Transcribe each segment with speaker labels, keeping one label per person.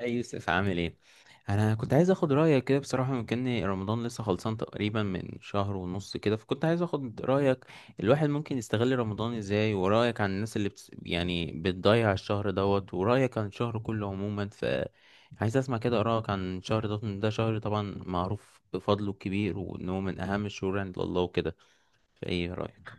Speaker 1: اي يوسف، عامل ايه؟ انا كنت عايز اخد رايك كده بصراحه. مكان رمضان لسه خلصان تقريبا من شهر ونص كده، فكنت عايز اخد رايك. الواحد ممكن يستغل رمضان ازاي؟ ورايك عن الناس اللي بتس... يعني بتضيع الشهر دوت، ورايك عن الشهر كله عموما. عايز اسمع كده رايك عن الشهر دوت، إن ده شهر طبعا معروف بفضله الكبير وانه من اهم الشهور عند الله وكده. فايه رايك؟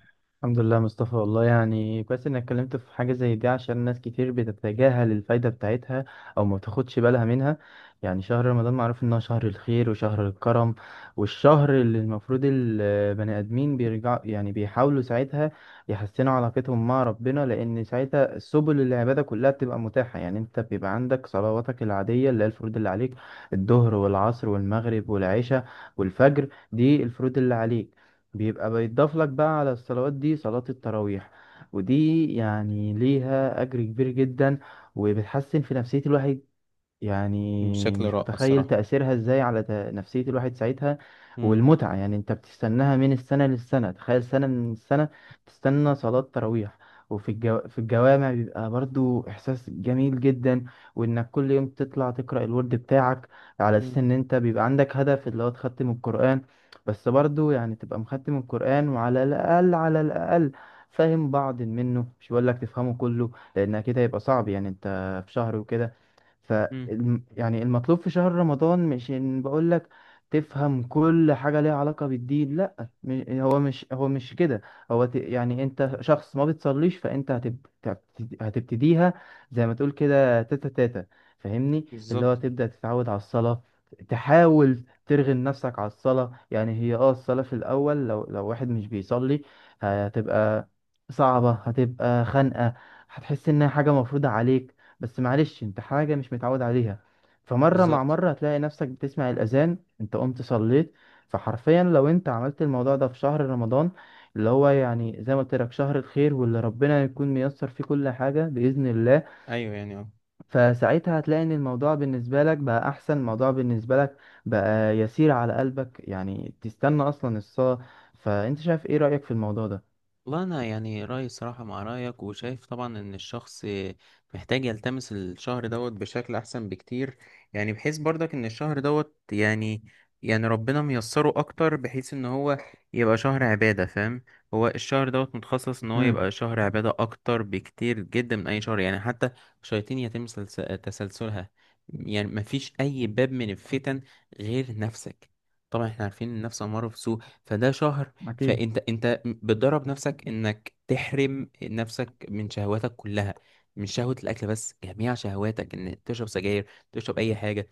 Speaker 2: الحمد لله مصطفى، والله يعني كويس انك اتكلمت في حاجة زي دي عشان ناس كتير بتتجاهل الفايدة بتاعتها او ما بتاخدش بالها منها. يعني شهر رمضان معروف انه شهر الخير وشهر الكرم، والشهر اللي المفروض البني ادمين بيرجعوا يعني بيحاولوا ساعتها يحسنوا علاقتهم مع ربنا، لان ساعتها سبل العبادة كلها بتبقى متاحة. يعني انت بيبقى عندك صلواتك العادية اللي هي الفروض اللي عليك: الظهر والعصر والمغرب والعشاء والفجر، دي الفروض اللي عليك. بيبقى بيتضاف لك بقى على الصلوات دي صلاة التراويح، ودي يعني ليها أجر كبير جدا وبتحسن في نفسية الواحد. يعني
Speaker 1: بشكل
Speaker 2: مش
Speaker 1: رائع
Speaker 2: متخيل
Speaker 1: الصراحة.
Speaker 2: تأثيرها ازاي على نفسية الواحد ساعتها.
Speaker 1: امم
Speaker 2: والمتعة يعني انت بتستناها من السنة للسنة، تخيل سنة من السنة بتستنى صلاة تراويح. وفي الجو... في الجوامع بيبقى برضو إحساس جميل جدا، وإنك كل يوم تطلع تقرأ الورد بتاعك على أساس إن أنت بيبقى عندك هدف اللي هو تختم القرآن. بس برضو يعني تبقى مختم القرآن وعلى الأقل على الأقل فاهم بعض منه، مش بقول لك تفهمه كله لأن كده يبقى صعب. يعني أنت في شهر وكده.
Speaker 1: امم
Speaker 2: يعني المطلوب في شهر رمضان مش ان بقول لك تفهم كل حاجة ليها علاقة بالدين، لا. هو مش كده. يعني انت شخص ما بتصليش، فانت هتبتديها. زي ما تقول كده تاتا تاتا. فاهمني اللي هو
Speaker 1: بالظبط،
Speaker 2: تبدأ تتعود على الصلاة، تحاول ترغم نفسك على الصلاة. يعني هي الصلاة في الأول، لو واحد مش بيصلي هتبقى صعبة، هتبقى خانقة، هتحس انها حاجة مفروضة عليك. بس معلش، انت حاجة مش متعود عليها. فمرة مع
Speaker 1: بالظبط.
Speaker 2: مرة هتلاقي نفسك بتسمع الأذان انت قمت صليت. فحرفيا لو انت عملت الموضوع ده في شهر رمضان، اللي هو يعني زي ما قلت لك شهر الخير واللي ربنا يكون ميسر فيه كل حاجة بإذن الله،
Speaker 1: ايوه يعني اه.
Speaker 2: فساعتها هتلاقي ان الموضوع بالنسبة لك بقى أحسن، الموضوع بالنسبة لك بقى يسير على قلبك، يعني تستنى أصلا الصلاة. فأنت شايف ايه رأيك في الموضوع ده؟
Speaker 1: والله انا يعني رايي صراحه مع رايك، وشايف طبعا ان الشخص محتاج يلتمس الشهر دوت بشكل احسن بكتير. يعني بحيث برضك ان الشهر دوت يعني، يعني ربنا ميسره اكتر بحيث ان هو يبقى شهر عباده، فاهم؟ هو الشهر دوت متخصص ان هو
Speaker 2: امم.
Speaker 1: يبقى شهر عباده اكتر بكتير جدا من اي شهر، يعني حتى الشياطين يتم تسلسلها. يعني مفيش اي باب من الفتن غير نفسك. طبعا احنا عارفين ان النفس اماره بسوء، فده شهر
Speaker 2: أكيد.
Speaker 1: فانت بتدرب نفسك انك تحرم نفسك من شهواتك كلها، من شهوة الاكل بس، جميع شهواتك، ان تشرب سجاير، تشرب اي حاجة.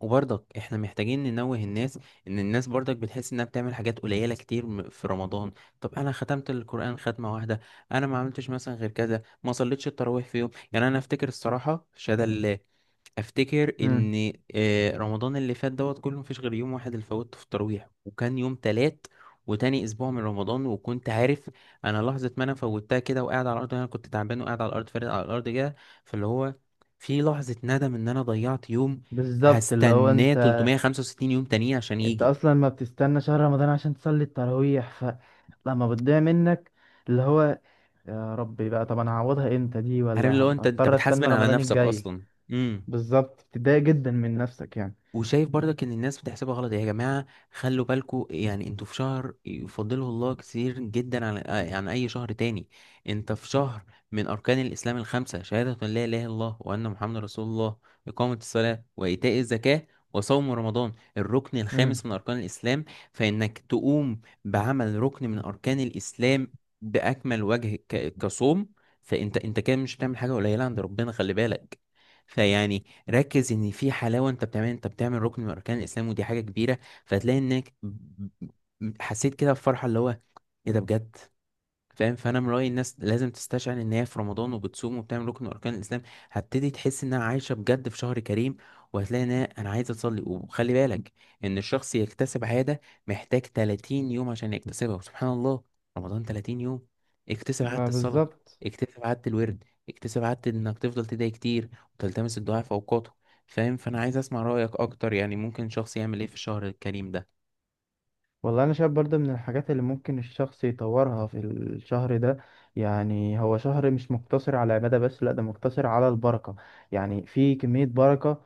Speaker 1: وبرضك احنا محتاجين ننوه الناس ان الناس برضك بتحس انها بتعمل حاجات قليلة كتير في رمضان. طب انا ختمت القرآن ختمة واحدة، انا ما عملتش مثلا غير كذا، ما صليتش التراويح في يوم، يعني انا افتكر الصراحة شهادة لله، افتكر
Speaker 2: امم.
Speaker 1: ان رمضان اللي فات دوت كله مفيش غير يوم واحد اللي فوتته في التراويح، وكان يوم تلات وتاني اسبوع من رمضان. وكنت عارف انا لحظه ما انا فوتها كده وقاعد على الارض، انا كنت تعبان وقاعد على الارض فارد على الارض كده، فاللي هو في لحظه ندم ان انا ضيعت يوم
Speaker 2: بالظبط، اللي هو
Speaker 1: هستناه
Speaker 2: انت،
Speaker 1: 365 يوم تانيين عشان يجي.
Speaker 2: اصلا ما بتستنى شهر رمضان عشان تصلي التراويح، فلما بتضيع منك اللي هو يا ربي بقى، طب انا هعوضها امتى دي،
Speaker 1: عارف
Speaker 2: ولا
Speaker 1: اللي هو انت انت
Speaker 2: هضطر استنى
Speaker 1: بتحاسبن على
Speaker 2: رمضان
Speaker 1: نفسك
Speaker 2: الجاي؟
Speaker 1: اصلا. امم.
Speaker 2: بالظبط، بتضايق جدا من نفسك يعني.
Speaker 1: وشايف برضك ان الناس بتحسبها غلط. يا جماعه خلوا بالكوا، يعني انتوا في شهر يفضله الله كتير جدا عن عن اي شهر تاني. انت في شهر من اركان الاسلام الخمسه، شهاده ان لا اله الا الله وان محمد رسول الله، اقامه الصلاه، وايتاء الزكاه، وصوم رمضان الركن الخامس
Speaker 2: امم.
Speaker 1: من اركان الاسلام. فانك تقوم بعمل ركن من اركان الاسلام باكمل وجه كصوم، فانت انت كده مش بتعمل حاجه قليله عند ربنا، خلي بالك. فيعني ركز ان في حلاوه، انت بتعمل، انت بتعمل ركن من اركان الاسلام، ودي حاجه كبيره. فهتلاقي انك حسيت كده بفرحه اللي هو ايه ده بجد، فاهم؟ فانا من رايي الناس لازم تستشعر ان هي في رمضان وبتصوم وبتعمل ركن من اركان الاسلام، هتبتدي تحس انها عايشه بجد في شهر كريم. وهتلاقي ان انا عايزه اصلي. وخلي بالك ان الشخص يكتسب عاده محتاج 30 يوم عشان يكتسبها، وسبحان الله رمضان 30 يوم. اكتسب عاده
Speaker 2: ما
Speaker 1: الصلاه،
Speaker 2: بالظبط.
Speaker 1: اكتسب عاده الورد، اكتسب عاده انك تفضل تدعي كتير وتلتمس الدعاء في اوقاته، فاهم؟ فانا عايز اسمع رايك اكتر، يعني ممكن شخص يعمل ايه في الشهر الكريم ده؟
Speaker 2: والله انا شايف برضه من الحاجات اللي ممكن الشخص يطورها في الشهر ده، يعني هو شهر مش مقتصر على العبادة بس، لا ده مقتصر على البركة. يعني في كمية بركة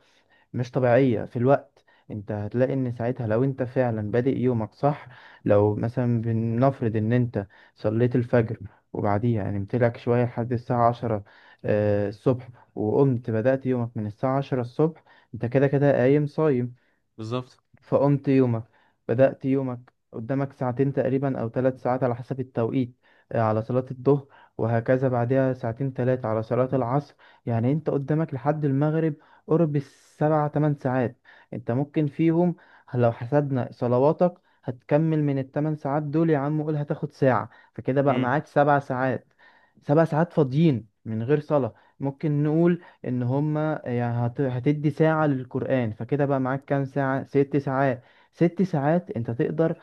Speaker 2: مش طبيعية في الوقت. انت هتلاقي ان ساعتها لو انت فعلا بادئ يومك صح، لو مثلا بنفرض ان انت صليت الفجر وبعديها نمت لك شوية لحد الساعة عشرة الصبح، وقمت بدأت يومك من الساعة عشرة الصبح، انت كده كده قايم صايم.
Speaker 1: بالظبط.
Speaker 2: فقمت يومك، بدأت يومك، قدامك ساعتين تقريبا أو 3 ساعات على حسب التوقيت على صلاة الظهر، وهكذا بعدها ساعتين ثلاثة على صلاة العصر. يعني أنت قدامك لحد المغرب قرب السبع تمن ساعات. أنت ممكن فيهم، لو حسبنا صلواتك هتكمل من ال8 ساعات دول يا عم قول هتاخد ساعة، فكده بقى
Speaker 1: امم.
Speaker 2: معاك 7 ساعات. 7 ساعات فاضيين من غير صلاة، ممكن نقول إن هما كده يعني هتدي ساعة للقرآن، فكده بقى معاك كام ساعة، 6 ساعات. 6 ساعات انت تقدر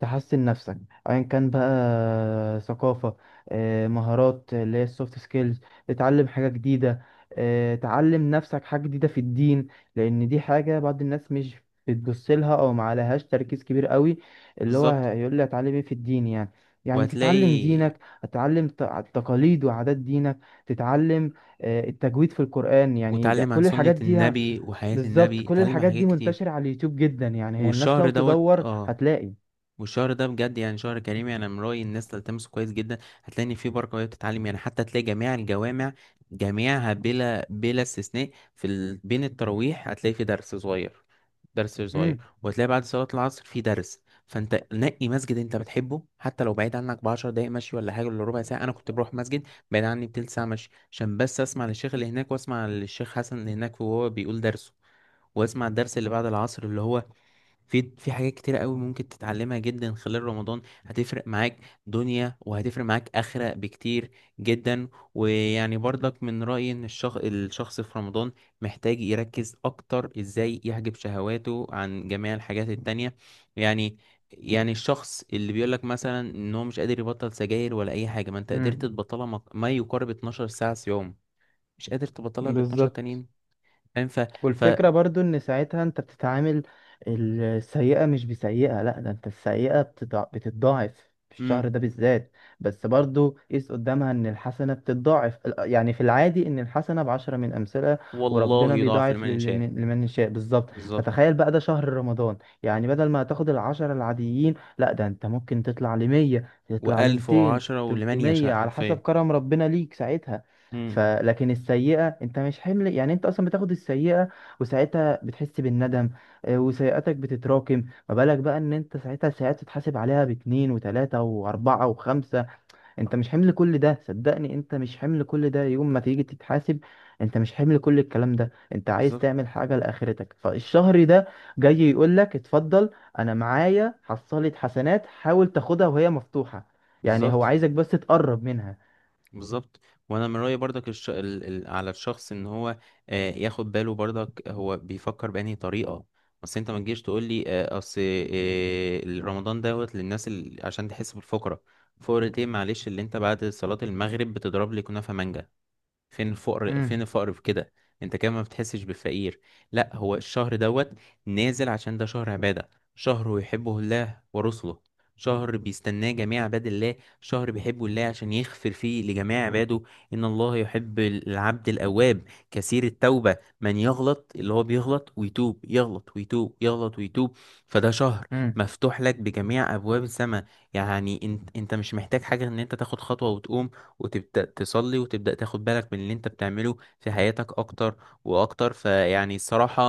Speaker 2: تحسن نفسك، ايا كان بقى، ثقافة، مهارات اللي هي السوفت سكيلز، تتعلم حاجة جديدة، تعلم نفسك حاجة جديدة في الدين، لان دي حاجة بعض الناس مش بتبص لها او ما عليهاش تركيز كبير قوي. اللي هو
Speaker 1: بالظبط.
Speaker 2: هيقول لي اتعلم ايه في الدين يعني؟ يعني تتعلم
Speaker 1: وهتلاقي،
Speaker 2: دينك، تتعلم تقاليد وعادات دينك، تتعلم التجويد في القرآن، يعني
Speaker 1: واتعلم عن
Speaker 2: كل
Speaker 1: سنة
Speaker 2: الحاجات دي
Speaker 1: النبي وحياة
Speaker 2: بالظبط.
Speaker 1: النبي،
Speaker 2: كل
Speaker 1: اتعلم عن
Speaker 2: الحاجات
Speaker 1: حاجات
Speaker 2: دي
Speaker 1: كتير.
Speaker 2: منتشرة على اليوتيوب جدا، يعني هي الناس
Speaker 1: والشهر
Speaker 2: لو
Speaker 1: دوت
Speaker 2: تدور
Speaker 1: اه،
Speaker 2: هتلاقي.
Speaker 1: والشهر ده بجد يعني شهر كريم، يعني من رأيي الناس تلتمسه كويس جدا. هتلاقي إن فيه بركة وهي بتتعلم، يعني حتى تلاقي جميع الجوامع جميعها بلا بلا استثناء، بين التراويح هتلاقي في درس صغير، درس صغير،
Speaker 2: مم.
Speaker 1: وهتلاقي بعد صلاة العصر في درس. فانت نقي مسجد انت بتحبه، حتى لو بعيد عنك بعشر دقايق مشي ولا حاجة ولا ربع ساعة. انا كنت بروح مسجد بعيد عني بتلت ساعة مشي عشان بس اسمع للشيخ اللي هناك، واسمع للشيخ حسن اللي هناك وهو بيقول درسه، واسمع الدرس اللي بعد العصر اللي هو في حاجات كتيرة قوي ممكن تتعلمها جدا خلال رمضان، هتفرق معاك دنيا وهتفرق معاك آخرة بكتير جدا. ويعني برضك من رأيي ان الشخص في رمضان محتاج يركز اكتر ازاي يحجب شهواته عن جميع الحاجات التانية. يعني، يعني الشخص اللي بيقولك مثلا ان هو مش قادر يبطل سجاير ولا اي حاجة، ما انت قدرت
Speaker 2: امم.
Speaker 1: تبطلها ما يقارب 12 ساعة في يوم، مش قادر تبطلها ال 12
Speaker 2: بالظبط.
Speaker 1: تانيين؟ فاهم؟ ف ف
Speaker 2: والفكرة برضو ان ساعتها انت بتتعامل السيئة مش بسيئة، لا ده انت السيئة بتتضاعف في الشهر
Speaker 1: مم.
Speaker 2: ده بالذات. بس برضو قيس قدامها ان الحسنة بتتضاعف، يعني في العادي ان الحسنة ب10 من امثلة،
Speaker 1: والله
Speaker 2: وربنا
Speaker 1: يضاعف
Speaker 2: بيضاعف
Speaker 1: لمن يشاء.
Speaker 2: لمن يشاء، بالظبط.
Speaker 1: بالظبط.
Speaker 2: فتخيل بقى ده شهر رمضان، يعني بدل ما هتاخد ال10 العاديين، لا ده انت ممكن تطلع 100، تطلع
Speaker 1: وألف
Speaker 2: 200،
Speaker 1: وعشرة ولمن
Speaker 2: 300،
Speaker 1: يشاء
Speaker 2: على حسب
Speaker 1: حرفيا.
Speaker 2: كرم ربنا ليك ساعتها.
Speaker 1: امم.
Speaker 2: فلكن السيئة انت مش حمل، يعني انت اصلا بتاخد السيئة وساعتها بتحس بالندم. وسيئاتك بتتراكم، ما بالك بقى ان انت ساعتها ساعات تتحاسب عليها باتنين وتلاتة واربعة وخمسة؟ انت مش حمل كل ده، صدقني انت مش حمل كل ده يوم ما تيجي تتحاسب، انت مش حمل كل الكلام ده. انت عايز
Speaker 1: بالظبط.
Speaker 2: تعمل حاجة لاخرتك، فالشهر ده جاي يقولك اتفضل، انا معايا حصلت حسنات، حاول تاخدها وهي مفتوحة. يعني هو
Speaker 1: بالظبط.
Speaker 2: عايزك بس تقرب منها.
Speaker 1: بالظبط. وأنا من رأيي برضك على الشخص إن هو آه ياخد باله. برضك هو بيفكر بأنهي طريقة؟ بس أنت ما تجيش تقول لي آه أصل آه رمضان دوت للناس عشان تحس بالفقرة. فقرة إيه؟ معلش اللي أنت بعد صلاة المغرب بتضرب لي كنافة مانجا، فين الفقر، فين
Speaker 2: امم،
Speaker 1: الفقر في كده؟ انت كمان ما بتحسش بالفقير. لا، هو الشهر دوت نازل عشان ده شهر عبادة، شهر يحبه الله ورسله، شهر بيستناه جميع عباد الله، شهر بيحبه الله عشان يغفر فيه لجميع عباده. ان الله يحب العبد الاواب، كثير التوبة، من يغلط اللي هو بيغلط ويتوب، يغلط ويتوب، يغلط ويتوب. فده شهر مفتوح لك بجميع ابواب السماء. يعني انت انت مش محتاج حاجة، ان انت تاخد خطوة وتقوم وتبدأ تصلي وتبدأ تاخد بالك من اللي انت بتعمله في حياتك اكتر واكتر، فيعني الصراحة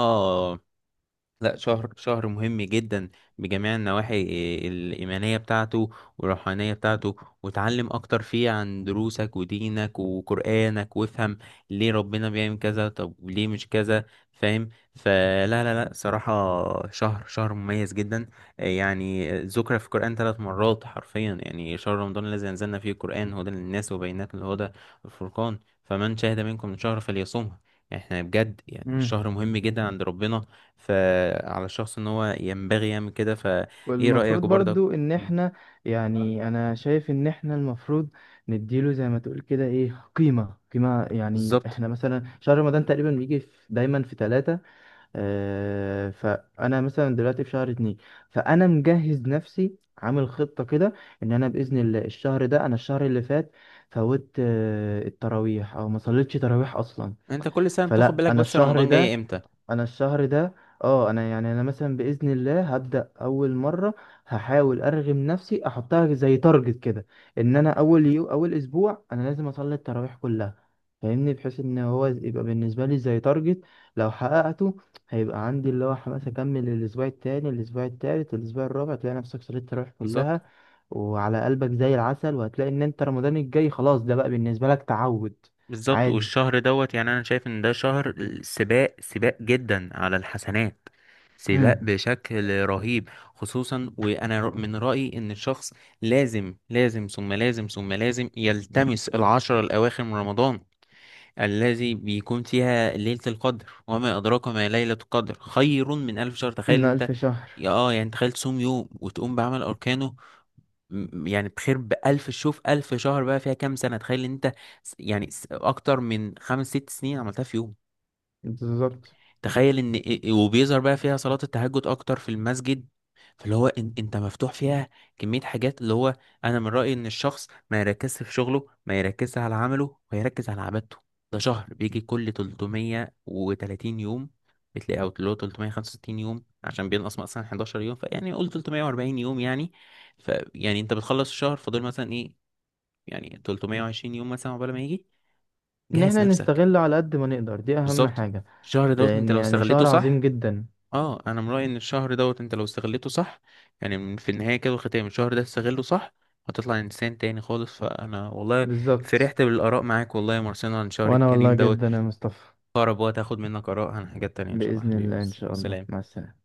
Speaker 1: لا، شهر، شهر مهم جدا بجميع النواحي، الإيمانية بتاعته والروحانية بتاعته. وتعلم أكتر فيه عن دروسك ودينك وقرآنك، وافهم ليه ربنا بيعمل كذا، طب ليه مش كذا، فاهم؟ فلا لا لا صراحة، شهر، شهر مميز جدا. يعني ذكر في القرآن ثلاث مرات حرفيا، يعني شهر رمضان الذي أنزلنا فيه القرآن هدى للناس وبينات من الهدى والفرقان، فمن شهد منكم شهر فليصمه. احنا بجد يعني
Speaker 2: امم.
Speaker 1: الشهر مهم جدا عند ربنا، فعلى الشخص ان هو ينبغي يعمل كده. فايه رأيك
Speaker 2: والمفروض
Speaker 1: برضك؟
Speaker 2: برضو ان
Speaker 1: مم.
Speaker 2: احنا، يعني انا شايف ان احنا المفروض نديله زي ما تقول كده ايه قيمة، قيمة يعني.
Speaker 1: بالظبط.
Speaker 2: احنا مثلا شهر رمضان تقريبا بيجي في دايما في ثلاثة، اه فانا مثلا دلوقتي في شهر اتنين، فانا مجهز نفسي عامل خطة كده ان انا بإذن الله الشهر ده، انا الشهر اللي فات فوت التراويح او ما صليتش تراويح اصلا،
Speaker 1: انت كل سنة بتاخد
Speaker 2: فلا
Speaker 1: بالك
Speaker 2: انا
Speaker 1: بس
Speaker 2: الشهر
Speaker 1: رمضان جاي
Speaker 2: ده،
Speaker 1: امتى.
Speaker 2: انا الشهر ده اه انا يعني انا مثلا باذن الله هبدا اول مره، هحاول ارغم نفسي احطها زي تارجت كده ان انا اول اسبوع انا لازم اصلي التراويح كلها. فاهمني، بحيث ان هو يبقى بالنسبه لي زي تارجت، لو حققته هيبقى عندي اللي هو حماس اكمل الاسبوع التاني، الاسبوع التالت، الاسبوع الرابع، تلاقي نفسك صليت التراويح
Speaker 1: بالظبط.
Speaker 2: كلها وعلى قلبك زي العسل، وهتلاقي ان انت رمضان الجاي خلاص ده بقى بالنسبه لك تعود
Speaker 1: بالظبط.
Speaker 2: عادي.
Speaker 1: والشهر دوت يعني انا شايف ان ده شهر سباق، سباق جدا على الحسنات، سباق
Speaker 2: امم.
Speaker 1: بشكل رهيب. خصوصا وانا من رأيي ان الشخص لازم لازم ثم لازم ثم لازم يلتمس العشرة الاواخر من رمضان، الذي بيكون فيها ليلة القدر، وما أدراك ما ليلة القدر، خير من ألف شهر. تخيل
Speaker 2: من
Speaker 1: أنت،
Speaker 2: 1000 شهر.
Speaker 1: يا اه يعني تخيل تصوم يوم وتقوم بعمل أركانه، يعني بخير بألف، شوف ألف شهر بقى فيها كام سنة، تخيل أنت، أكتر من خمس ست سنين عملتها في يوم.
Speaker 2: بالظبط،
Speaker 1: تخيل ان إيه، وبيظهر بقى فيها صلاة التهجد اكتر في المسجد، فاللي هو إن انت مفتوح فيها كمية حاجات اللي هو انا من رأيي ان الشخص ما يركزش في شغله، ما يركزش على عمله، ويركز على عبادته. ده شهر بيجي كل 330 يوم، بتلاقي او اللي هو 365 يوم عشان بينقص مثلا 11 يوم، فيعني قول 340 يوم يعني. فيعني انت بتخلص الشهر فاضل مثلا ايه، يعني 320 يوم مثلا عقبال ما يجي.
Speaker 2: ان
Speaker 1: جهز
Speaker 2: احنا
Speaker 1: نفسك.
Speaker 2: نستغله على قد ما نقدر دي اهم
Speaker 1: بالظبط.
Speaker 2: حاجة،
Speaker 1: الشهر دوت
Speaker 2: لان
Speaker 1: انت لو
Speaker 2: يعني
Speaker 1: استغليته
Speaker 2: شهر عظيم
Speaker 1: صح،
Speaker 2: جدا.
Speaker 1: اه انا من رايي ان الشهر دوت انت لو استغلته صح، يعني في النهايه كده والختام، الشهر ده استغله صح هتطلع انسان تاني خالص. فانا والله
Speaker 2: بالظبط،
Speaker 1: فرحت بالاراء معاك والله يا مارسينا عن شهر
Speaker 2: وانا والله
Speaker 1: الكريم دوت.
Speaker 2: جدا يا مصطفى،
Speaker 1: اقرب وقت هاخد منك اراء عن حاجات تانية ان شاء الله
Speaker 2: بإذن
Speaker 1: حبيبي.
Speaker 2: الله، ان شاء الله، مع
Speaker 1: سلام.
Speaker 2: السلامة.